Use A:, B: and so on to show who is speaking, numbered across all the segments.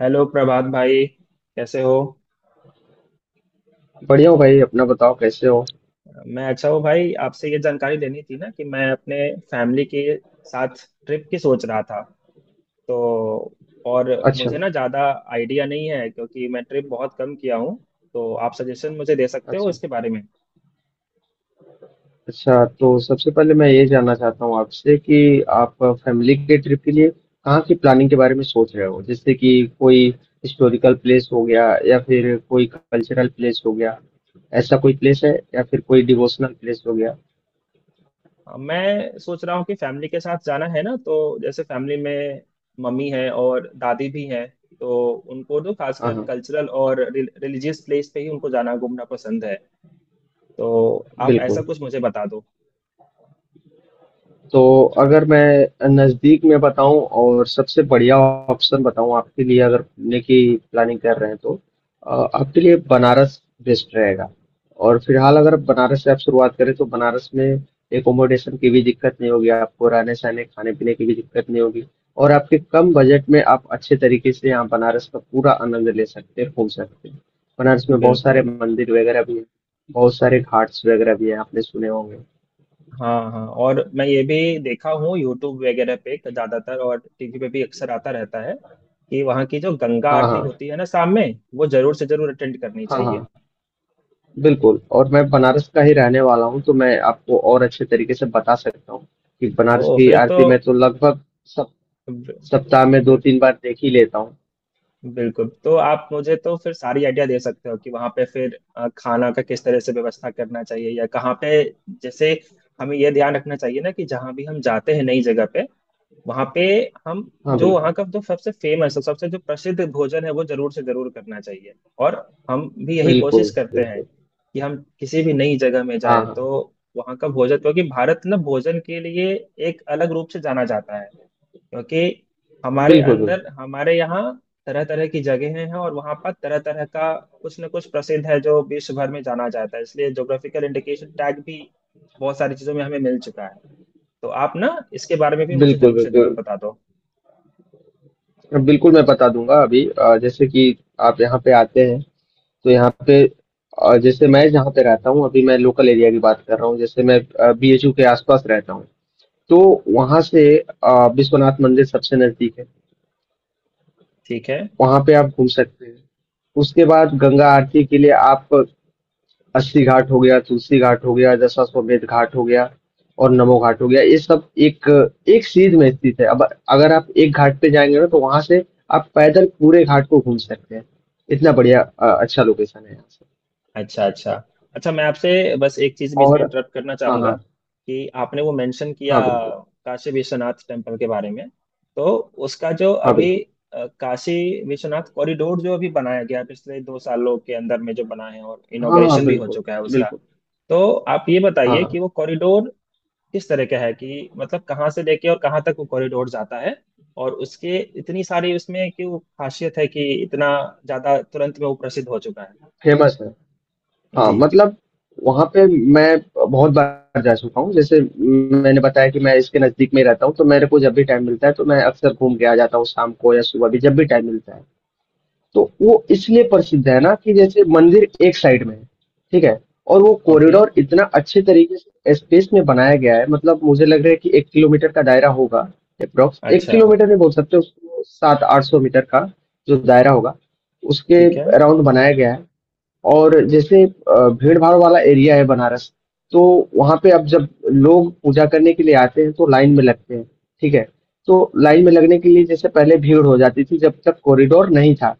A: Hello Prabhat भाई। कैसे हो।
B: बढ़िया हो भाई अपना बताओ कैसे हो।
A: मैं अच्छा हूँ भाई, आपसे ये जानकारी लेनी थी ना कि मैं अपने फैमिली के साथ ट्रिप की सोच रहा था। तो और
B: अच्छा
A: मुझे ना ज़्यादा आइडिया नहीं है क्योंकि मैं ट्रिप बहुत कम किया हूँ। तो आप सजेशन मुझे दे सकते हो
B: अच्छा।
A: इसके बारे में।
B: अच्छा तो सबसे पहले मैं ये जानना चाहता हूँ आपसे कि आप फैमिली के ट्रिप के लिए कहाँ की प्लानिंग के बारे में सोच रहे हो, जैसे कि कोई हिस्टोरिकल प्लेस हो गया या फिर कोई कल्चरल प्लेस हो गया, ऐसा कोई प्लेस है या फिर कोई डिवोशनल प्लेस हो गया।
A: मैं सोच रहा हूँ कि फैमिली के साथ जाना है ना, तो जैसे फैमिली में मम्मी है और दादी भी हैं। तो उनको तो
B: हाँ
A: खासकर
B: हाँ,
A: कल्चरल और रिलीजियस प्लेस पे ही उनको जाना घूमना पसंद है। तो आप ऐसा
B: बिल्कुल।
A: कुछ मुझे बता दो।
B: तो अगर मैं नज़दीक में बताऊं और सबसे बढ़िया ऑप्शन बताऊं आपके लिए, अगर घूमने की प्लानिंग कर रहे हैं, तो आपके लिए बनारस बेस्ट रहेगा। और फिलहाल अगर आप बनारस से आप शुरुआत करें तो बनारस में एकोमोडेशन की भी दिक्कत नहीं होगी आपको, रहने सहने खाने पीने की भी दिक्कत नहीं होगी। और आपके कम बजट में आप अच्छे तरीके से यहाँ बनारस का पूरा आनंद ले सकते हैं, घूम सकते हैं। बनारस में बहुत सारे
A: बिल्कुल।
B: मंदिर वगैरह भी हैं, बहुत सारे घाट्स वगैरह भी हैं, आपने सुने होंगे।
A: हाँ हाँ, और मैं ये भी देखा हूँ यूट्यूब वगैरह पे ज्यादातर, और टीवी पे भी अक्सर आता रहता है कि वहाँ की जो गंगा
B: हाँ
A: आरती
B: हाँ।
A: होती है ना शाम में, वो जरूर से जरूर अटेंड करनी
B: हाँ
A: चाहिए।
B: हाँ, बिल्कुल। और मैं बनारस का ही रहने वाला हूँ, तो मैं आपको और अच्छे तरीके से बता सकता हूँ कि
A: ओ
B: बनारस की
A: फिर तो
B: आरती मैं तो लगभग सब सप्ताह में दो
A: बिल्कुल।
B: तीन बार देख ही लेता हूँ।
A: बिल्कुल तो आप मुझे तो फिर सारी आइडिया दे सकते हो कि वहां पे फिर खाना का किस तरह से व्यवस्था करना चाहिए या कहाँ पे। जैसे, हमें यह ध्यान रखना चाहिए ना कि जहाँ भी हम जाते हैं नई जगह पे, वहां पे हम
B: हाँ
A: जो वहाँ
B: बिल्कुल।
A: का जो सबसे जो प्रसिद्ध भोजन है वो जरूर से जरूर करना चाहिए। और हम भी यही
B: बिल्कुल
A: कोशिश करते हैं
B: बिल्कुल।
A: कि हम किसी भी नई जगह में
B: हाँ
A: जाए तो
B: हाँ।
A: वहाँ का भोजन, क्योंकि भारत ना भोजन के लिए एक अलग रूप से जाना जाता है। क्योंकि हमारे
B: बिल्कुल बिल्कुल।
A: अंदर हमारे यहाँ तरह तरह की जगहें हैं और वहाँ पर तरह तरह का कुछ न कुछ प्रसिद्ध है जो विश्व भर में जाना जाता है, इसलिए ज्योग्राफिकल इंडिकेशन टैग भी बहुत सारी चीजों में हमें मिल चुका है। तो आप ना इसके बारे में भी मुझे
B: बिल्कुल
A: जरूर से जरूर
B: बिल्कुल।
A: बता दो।
B: बिल्कुल मैं बता दूंगा अभी। जैसे कि आप यहाँ पे आते हैं तो यहाँ पे जैसे मैं जहाँ पे रहता हूँ, अभी मैं लोकल एरिया की बात कर रहा हूँ, जैसे मैं बीएचयू के आसपास रहता हूँ, तो वहां से विश्वनाथ मंदिर सबसे नजदीक है,
A: ठीक है।
B: वहाँ पे आप घूम सकते हैं। उसके बाद गंगा आरती के लिए आप अस्सी घाट हो गया, तुलसी घाट हो गया, दशाश्वमेध घाट हो गया और नमो घाट हो गया। ये सब एक एक सीध में स्थित है। अब अगर आप एक घाट पे जाएंगे ना, तो वहां से आप पैदल पूरे घाट को घूम सकते हैं। इतना बढ़िया अच्छा लोकेशन है यहाँ से।
A: अच्छा अच्छा। अच्छा, मैं आपसे बस एक चीज बीच में
B: और
A: इंटरप्ट करना
B: हाँ
A: चाहूंगा
B: हाँ।
A: कि आपने वो मेंशन किया
B: हाँ बिल्कुल।
A: काशी विश्वनाथ टेम्पल के बारे में। तो उसका जो
B: हाँ
A: अभी
B: बिल्कुल।
A: काशी विश्वनाथ कॉरिडोर जो अभी बनाया गया है, पिछले दो सालों के अंदर में जो बना है और
B: हाँ हाँ।
A: इनॉग्रेशन भी हो
B: बिल्कुल
A: चुका है उसका।
B: बिल्कुल।
A: तो आप ये
B: हाँ
A: बताइए
B: हाँ,
A: कि वो कॉरिडोर किस तरह का है, कि मतलब कहाँ से लेके और कहाँ तक वो कॉरिडोर जाता है। और उसके इतनी सारी उसमें क्यों खासियत है कि इतना ज्यादा तुरंत में वो प्रसिद्ध हो चुका है।
B: फेमस है। हाँ
A: जी।
B: मतलब वहां पे मैं बहुत बार जा चुका हूँ। जैसे मैंने बताया कि मैं इसके नजदीक में ही रहता हूँ, तो मेरे को जब भी टाइम मिलता है तो मैं अक्सर घूम के आ जाता हूँ, शाम को या सुबह भी जब भी टाइम मिलता है। तो वो इसलिए प्रसिद्ध है ना कि जैसे मंदिर एक साइड में है, ठीक है? और वो
A: ओके।
B: कॉरिडोर इतना अच्छे तरीके से स्पेस में बनाया गया है, मतलब मुझे लग रहा है कि 1 किलोमीटर का दायरा होगा, अप्रोक्स एक
A: अच्छा।
B: किलोमीटर में बोल सकते हो उसको, 700-800 मीटर का जो दायरा होगा उसके
A: ठीक है।
B: अराउंड बनाया गया है। और जैसे भीड़ भाड़ वाला एरिया है बनारस, तो वहां पे अब जब लोग पूजा करने के लिए आते हैं तो लाइन में लगते हैं, ठीक है? तो लाइन में लगने के लिए जैसे पहले भीड़ हो जाती थी जब तक कॉरिडोर नहीं था,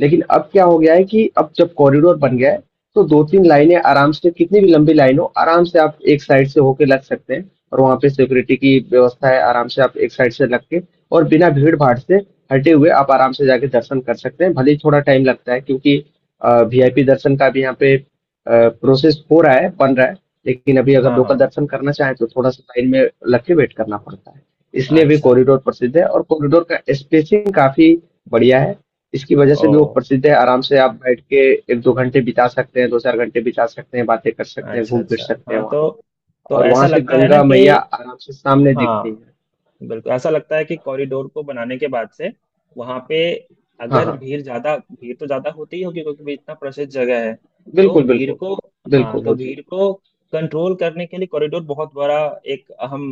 B: लेकिन अब क्या हो गया है कि अब जब कॉरिडोर बन गया है, तो दो तीन लाइनें आराम से, कितनी भी लंबी लाइन हो आराम से आप एक साइड से होके लग सकते हैं, और वहां पे सिक्योरिटी की व्यवस्था है, आराम से आप एक साइड से लग के और बिना भीड़ भाड़ से हटे हुए आप आराम से जाके दर्शन कर सकते हैं। भले ही थोड़ा टाइम लगता है क्योंकि वीआईपी दर्शन का भी यहाँ पे प्रोसेस हो रहा है, बन रहा है, लेकिन अभी अगर
A: हाँ हाँ।
B: लोकल दर्शन करना चाहें तो थोड़ा सा लाइन में लग के वेट करना पड़ता है। इसलिए भी
A: अच्छा।
B: कॉरिडोर प्रसिद्ध है। और कॉरिडोर का स्पेसिंग काफी बढ़िया है, इसकी वजह
A: ओ।
B: से भी वो प्रसिद्ध है। आराम से आप बैठ के 1-2 घंटे बिता सकते हैं, 2-4 घंटे बिता सकते हैं, बातें कर सकते हैं,
A: अच्छा
B: घूम फिर
A: अच्छा।
B: सकते हैं
A: हाँ
B: वहाँ।
A: तो
B: और
A: ऐसा
B: वहां से
A: लगता है ना
B: गंगा
A: कि,
B: मैया आराम से सामने दिखती
A: हाँ
B: है।
A: बिल्कुल ऐसा लगता है कि कॉरिडोर को बनाने के बाद से वहां पे
B: हाँ
A: अगर
B: हाँ।
A: भीड़, ज्यादा भीड़ तो ज्यादा होती ही होगी क्योंकि भी इतना प्रसिद्ध जगह है। तो
B: बिल्कुल
A: भीड़
B: बिल्कुल।
A: को, हाँ
B: बिल्कुल
A: तो
B: हो जी।
A: भीड़ को कंट्रोल करने के लिए कॉरिडोर बहुत बड़ा एक अहम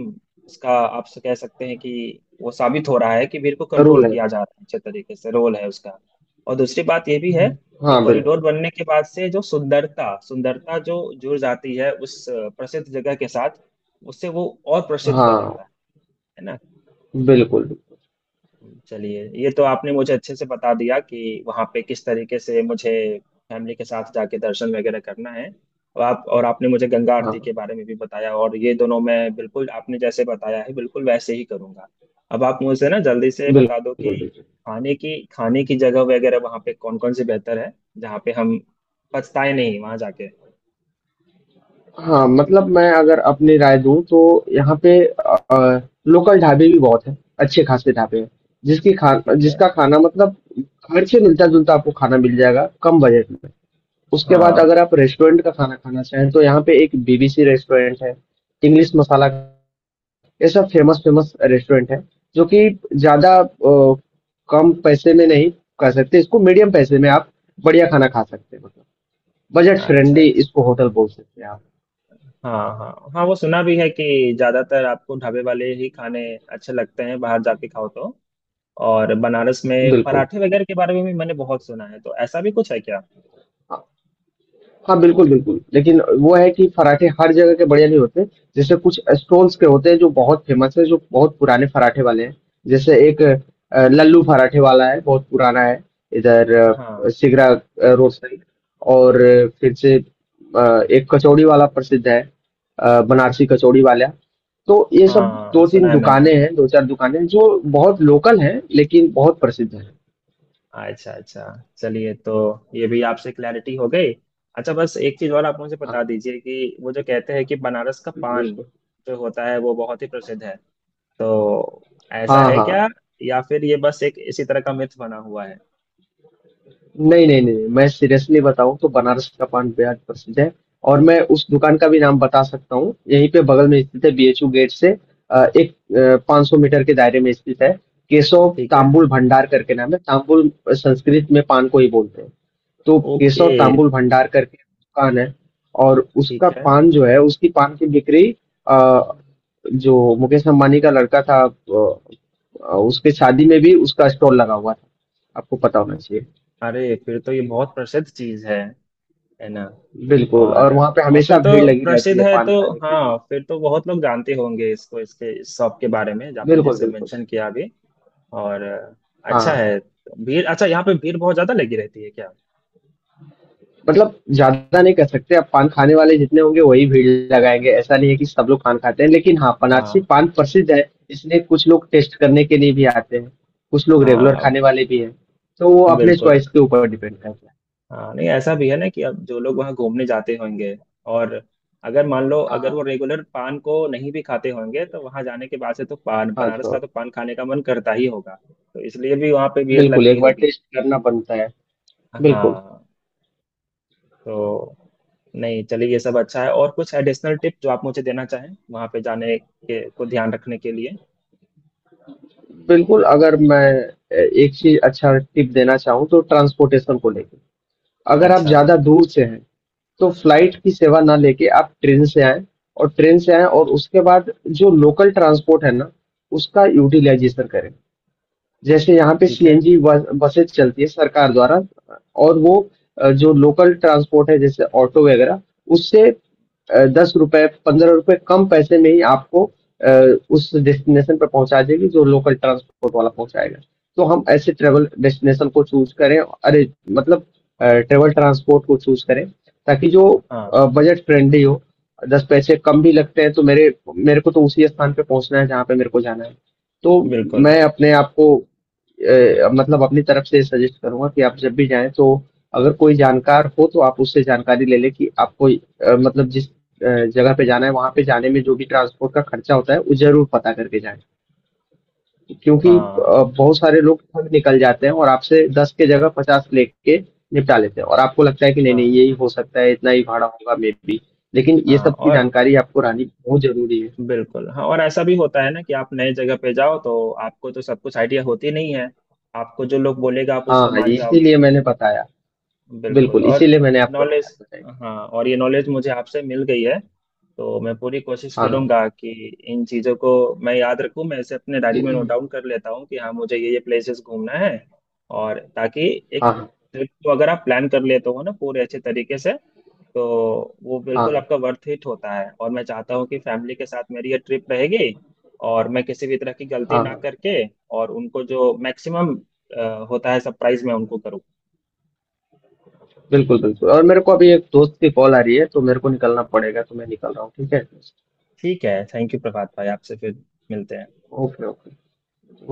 A: इसका आप से कह सकते हैं कि वो साबित हो रहा है कि भीड़ को कंट्रोल
B: रूल है।
A: किया जा रहा है अच्छे तरीके से, रोल है उसका। और दूसरी बात ये भी है कि
B: हाँ
A: कॉरिडोर
B: बिल्कुल।
A: बनने के बाद से जो सुंदरता सुंदरता जो जुड़ जाती है उस प्रसिद्ध जगह के साथ, उससे वो और प्रसिद्ध हो
B: हाँ
A: जाता है ना।
B: बिल्कुल।
A: चलिए, ये तो आपने मुझे अच्छे से बता दिया कि वहाँ पे किस तरीके से मुझे फैमिली के साथ जाके दर्शन वगैरह करना है। और आप, और आपने मुझे गंगा
B: हाँ
A: आरती के बारे में भी बताया, और ये दोनों मैं बिल्कुल आपने जैसे बताया है बिल्कुल वैसे ही करूँगा। अब आप मुझे ना जल्दी से बता दो कि
B: बिल्कुल। बिल्कुल।
A: खाने की जगह वगैरह वहाँ पे कौन कौन सी बेहतर है, जहाँ पे हम पछताए नहीं वहाँ जाके।
B: हाँ मतलब मैं अगर अपनी राय दूं तो यहाँ पे लोकल ढाबे भी बहुत हैं, अच्छे खासे ढाबे हैं, जिसकी खा
A: ठीक है।
B: जिसका खाना मतलब घर से मिलता जुलता आपको खाना मिल जाएगा, कम बजट में। उसके बाद
A: हाँ।
B: अगर आप रेस्टोरेंट का खाना खाना चाहें तो यहाँ पे एक बीबीसी रेस्टोरेंट है, इंग्लिश मसाला, ये सब फेमस फेमस रेस्टोरेंट है, जो कि ज्यादा कम पैसे में नहीं कर सकते इसको, मीडियम पैसे में आप बढ़िया खाना खा सकते हैं, मतलब बजट
A: अच्छा अच्छा।
B: फ्रेंडली इसको होटल बोल सकते हैं आप।
A: हाँ। हाँ हाँ, वो सुना भी है कि ज्यादातर आपको ढाबे वाले ही खाने अच्छे लगते हैं बाहर जाके खाओ तो। और बनारस में
B: बिल्कुल।
A: पराठे वगैरह के बारे में भी मैंने बहुत सुना है, तो ऐसा भी कुछ है क्या।
B: हाँ बिल्कुल बिल्कुल, लेकिन वो है कि पराठे हर जगह के बढ़िया नहीं होते। जैसे कुछ स्टॉल्स के होते हैं जो बहुत फेमस है, जो बहुत पुराने पराठे वाले हैं। जैसे एक लल्लू पराठे वाला है, बहुत पुराना है, इधर
A: हाँ,
B: सिगरा रोड साइड। और फिर से एक कचौड़ी वाला प्रसिद्ध है, बनारसी कचौड़ी वाला। तो ये सब
A: हाँ
B: दो
A: सुना
B: तीन
A: है मैंने।
B: दुकानें हैं, दो चार दुकानें हैं, जो बहुत लोकल हैं लेकिन बहुत प्रसिद्ध हैं।
A: अच्छा अच्छा। चलिए, तो ये भी आपसे क्लैरिटी हो गई। अच्छा, बस एक चीज और आप मुझे
B: हाँ
A: बता
B: हाँ,
A: दीजिए कि वो जो कहते हैं कि बनारस का पान
B: बिल्कुल।
A: जो होता है वो बहुत ही प्रसिद्ध है, तो ऐसा
B: हाँ
A: है
B: हाँ।
A: क्या, या फिर ये बस एक इसी तरह का मिथ बना हुआ है।
B: नहीं नहीं नहीं, मैं सीरियसली बताऊं तो बनारस का पान बेहद प्रसिद्ध है। और मैं उस दुकान का भी नाम बता सकता हूँ, यहीं पे बगल में स्थित है, बीएचयू गेट से एक 500 मीटर के दायरे में स्थित है। केशव
A: ठीक है।
B: तांबुल भंडार करके नाम है। तांबुल संस्कृत में पान को ही बोलते हैं। तो
A: ओके।
B: केशव तांबुल भंडार करके दुकान है। और उसका
A: ठीक है।
B: पान जो है, उसकी पान की बिक्री, अ, जो मुकेश अंबानी का लड़का था, उसके शादी में भी उसका स्टॉल लगा हुआ था, आपको पता होना चाहिए।
A: अरे फिर तो ये बहुत प्रसिद्ध चीज है ना।
B: बिल्कुल। और
A: और
B: वहाँ पे
A: और फिर
B: हमेशा भीड़
A: तो
B: लगी रहती
A: प्रसिद्ध
B: है
A: है
B: पान
A: तो,
B: खाने के लिए।
A: हाँ फिर तो बहुत लोग जानते होंगे इसको, इसके इस शॉप के बारे में जो आपने
B: बिल्कुल
A: जैसे
B: बिल्कुल।
A: मेंशन किया अभी। और
B: हाँ
A: अच्छा है। भीड़, अच्छा यहाँ पे भीड़ बहुत ज्यादा लगी रहती है क्या।
B: मतलब ज्यादा नहीं कह सकते, अब पान खाने वाले जितने होंगे वही भीड़ लगाएंगे, ऐसा नहीं है कि सब लोग पान खाते हैं, लेकिन हाँ, बनारसी
A: हाँ
B: पान प्रसिद्ध है, इसलिए कुछ लोग टेस्ट करने के लिए भी आते हैं, कुछ लोग रेगुलर
A: हाँ।
B: खाने वाले भी हैं, तो वो अपने
A: बिल्कुल।
B: चॉइस के ऊपर डिपेंड करता है।
A: हाँ नहीं, ऐसा भी है ना कि अब जो लोग वहाँ घूमने जाते होंगे और अगर मान लो अगर
B: हाँ
A: वो रेगुलर पान को नहीं भी खाते होंगे, तो वहाँ जाने के बाद से तो पान
B: हाँ
A: बनारस
B: तो
A: का तो पान खाने का मन करता ही होगा। तो इसलिए भी वहाँ पे भीड़
B: बिल्कुल,
A: लगती
B: एक बार
A: होगी।
B: टेस्ट करना बनता है। बिल्कुल
A: हाँ तो, नहीं चलिए, ये सब अच्छा है। और कुछ एडिशनल टिप जो आप मुझे देना चाहें वहाँ पे जाने के को ध्यान रखने के लिए।
B: बिल्कुल। अगर मैं एक चीज अच्छा टिप देना चाहूँ तो ट्रांसपोर्टेशन को लेकर, अगर आप
A: अच्छा।
B: ज़्यादा दूर से हैं, तो फ्लाइट की सेवा ना लेके आप ट्रेन से आएँ। और ट्रेन से आएँ और उसके बाद जो लोकल ट्रांसपोर्ट है ना, उसका यूटिलाइज़ेशन करें। जैसे यहाँ पे
A: ठीक है।
B: सीएनजी बसेस चलती है सरकार द्वारा। और वो जो लोकल ट्रांसपोर्ट है जैसे ऑटो वगैरह, उससे 10 रुपए 15 रुपए कम पैसे में ही आपको अ, उस डेस्टिनेशन पर पहुंचा देगी जो लोकल ट्रांसपोर्ट वाला पहुंचाएगा। तो हम ऐसे ट्रेवल डेस्टिनेशन को चूज करें, अरे मतलब ट्रेवल ट्रांसपोर्ट को चूज करें, ताकि जो
A: हाँ।
B: बजट फ्रेंडली हो। 10 पैसे कम भी लगते हैं तो मेरे मेरे को तो उसी स्थान पे पहुंचना है जहाँ पे मेरे को जाना है। तो
A: बिल्कुल।
B: मैं अपने आप को मतलब अपनी तरफ से सजेस्ट करूंगा कि आप जब भी जाएं तो अगर कोई जानकार हो तो आप उससे जानकारी ले लें कि आपको, मतलब जिस जगह पे जाना है वहां पे जाने में जो भी ट्रांसपोर्ट का खर्चा होता है वो जरूर पता करके जाएं। क्योंकि
A: हाँ
B: बहुत सारे लोग ठग निकल जाते हैं और आपसे 10 के जगह 50 लेके निपटा लेते हैं और आपको लगता है कि नहीं नहीं
A: हाँ
B: यही हो सकता है, इतना ही भाड़ा होगा मे बी। लेकिन ये
A: हाँ।
B: सब की
A: और
B: जानकारी आपको रहनी बहुत जरूरी है।
A: बिल्कुल, हाँ और ऐसा भी होता है ना कि आप नए जगह पे जाओ तो आपको तो सब कुछ आइडिया होती नहीं है। आपको जो लोग बोलेगा आप
B: हाँ
A: उसको
B: हाँ
A: मान जाओगे।
B: इसीलिए मैंने बताया।
A: बिल्कुल
B: बिल्कुल,
A: और
B: इसीलिए मैंने आपको ये
A: नॉलेज,
B: बात बताई।
A: हाँ और ये नॉलेज मुझे आपसे मिल गई है। तो मैं पूरी कोशिश
B: हाँ, हाँ।
A: करूंगा कि इन चीज़ों को मैं याद रखूं। मैं इसे अपने डायरी में नोट डाउन कर लेता हूं कि हाँ मुझे ये प्लेसेस घूमना है। और ताकि एक
B: हाँ, हाँ।
A: ट्रिप को अगर आप प्लान कर लेते हो ना पूरे अच्छे तरीके से, तो वो
B: हाँ,
A: बिल्कुल
B: हाँ।
A: आपका वर्थ इट होता है। और मैं चाहता हूँ कि फैमिली के साथ मेरी ये ट्रिप रहेगी और मैं किसी भी तरह की गलती
B: हाँ,
A: ना
B: हाँ।
A: करके और उनको जो मैक्सिमम होता है सरप्राइज मैं उनको करूँ।
B: बिल्कुल बिल्कुल, और मेरे को अभी एक दोस्त की कॉल आ रही है, तो मेरे को निकलना पड़ेगा, तो मैं निकल रहा हूँ, ठीक है?
A: ठीक है, थैंक यू प्रभात भाई, आपसे फिर मिलते हैं।
B: Okay, okay.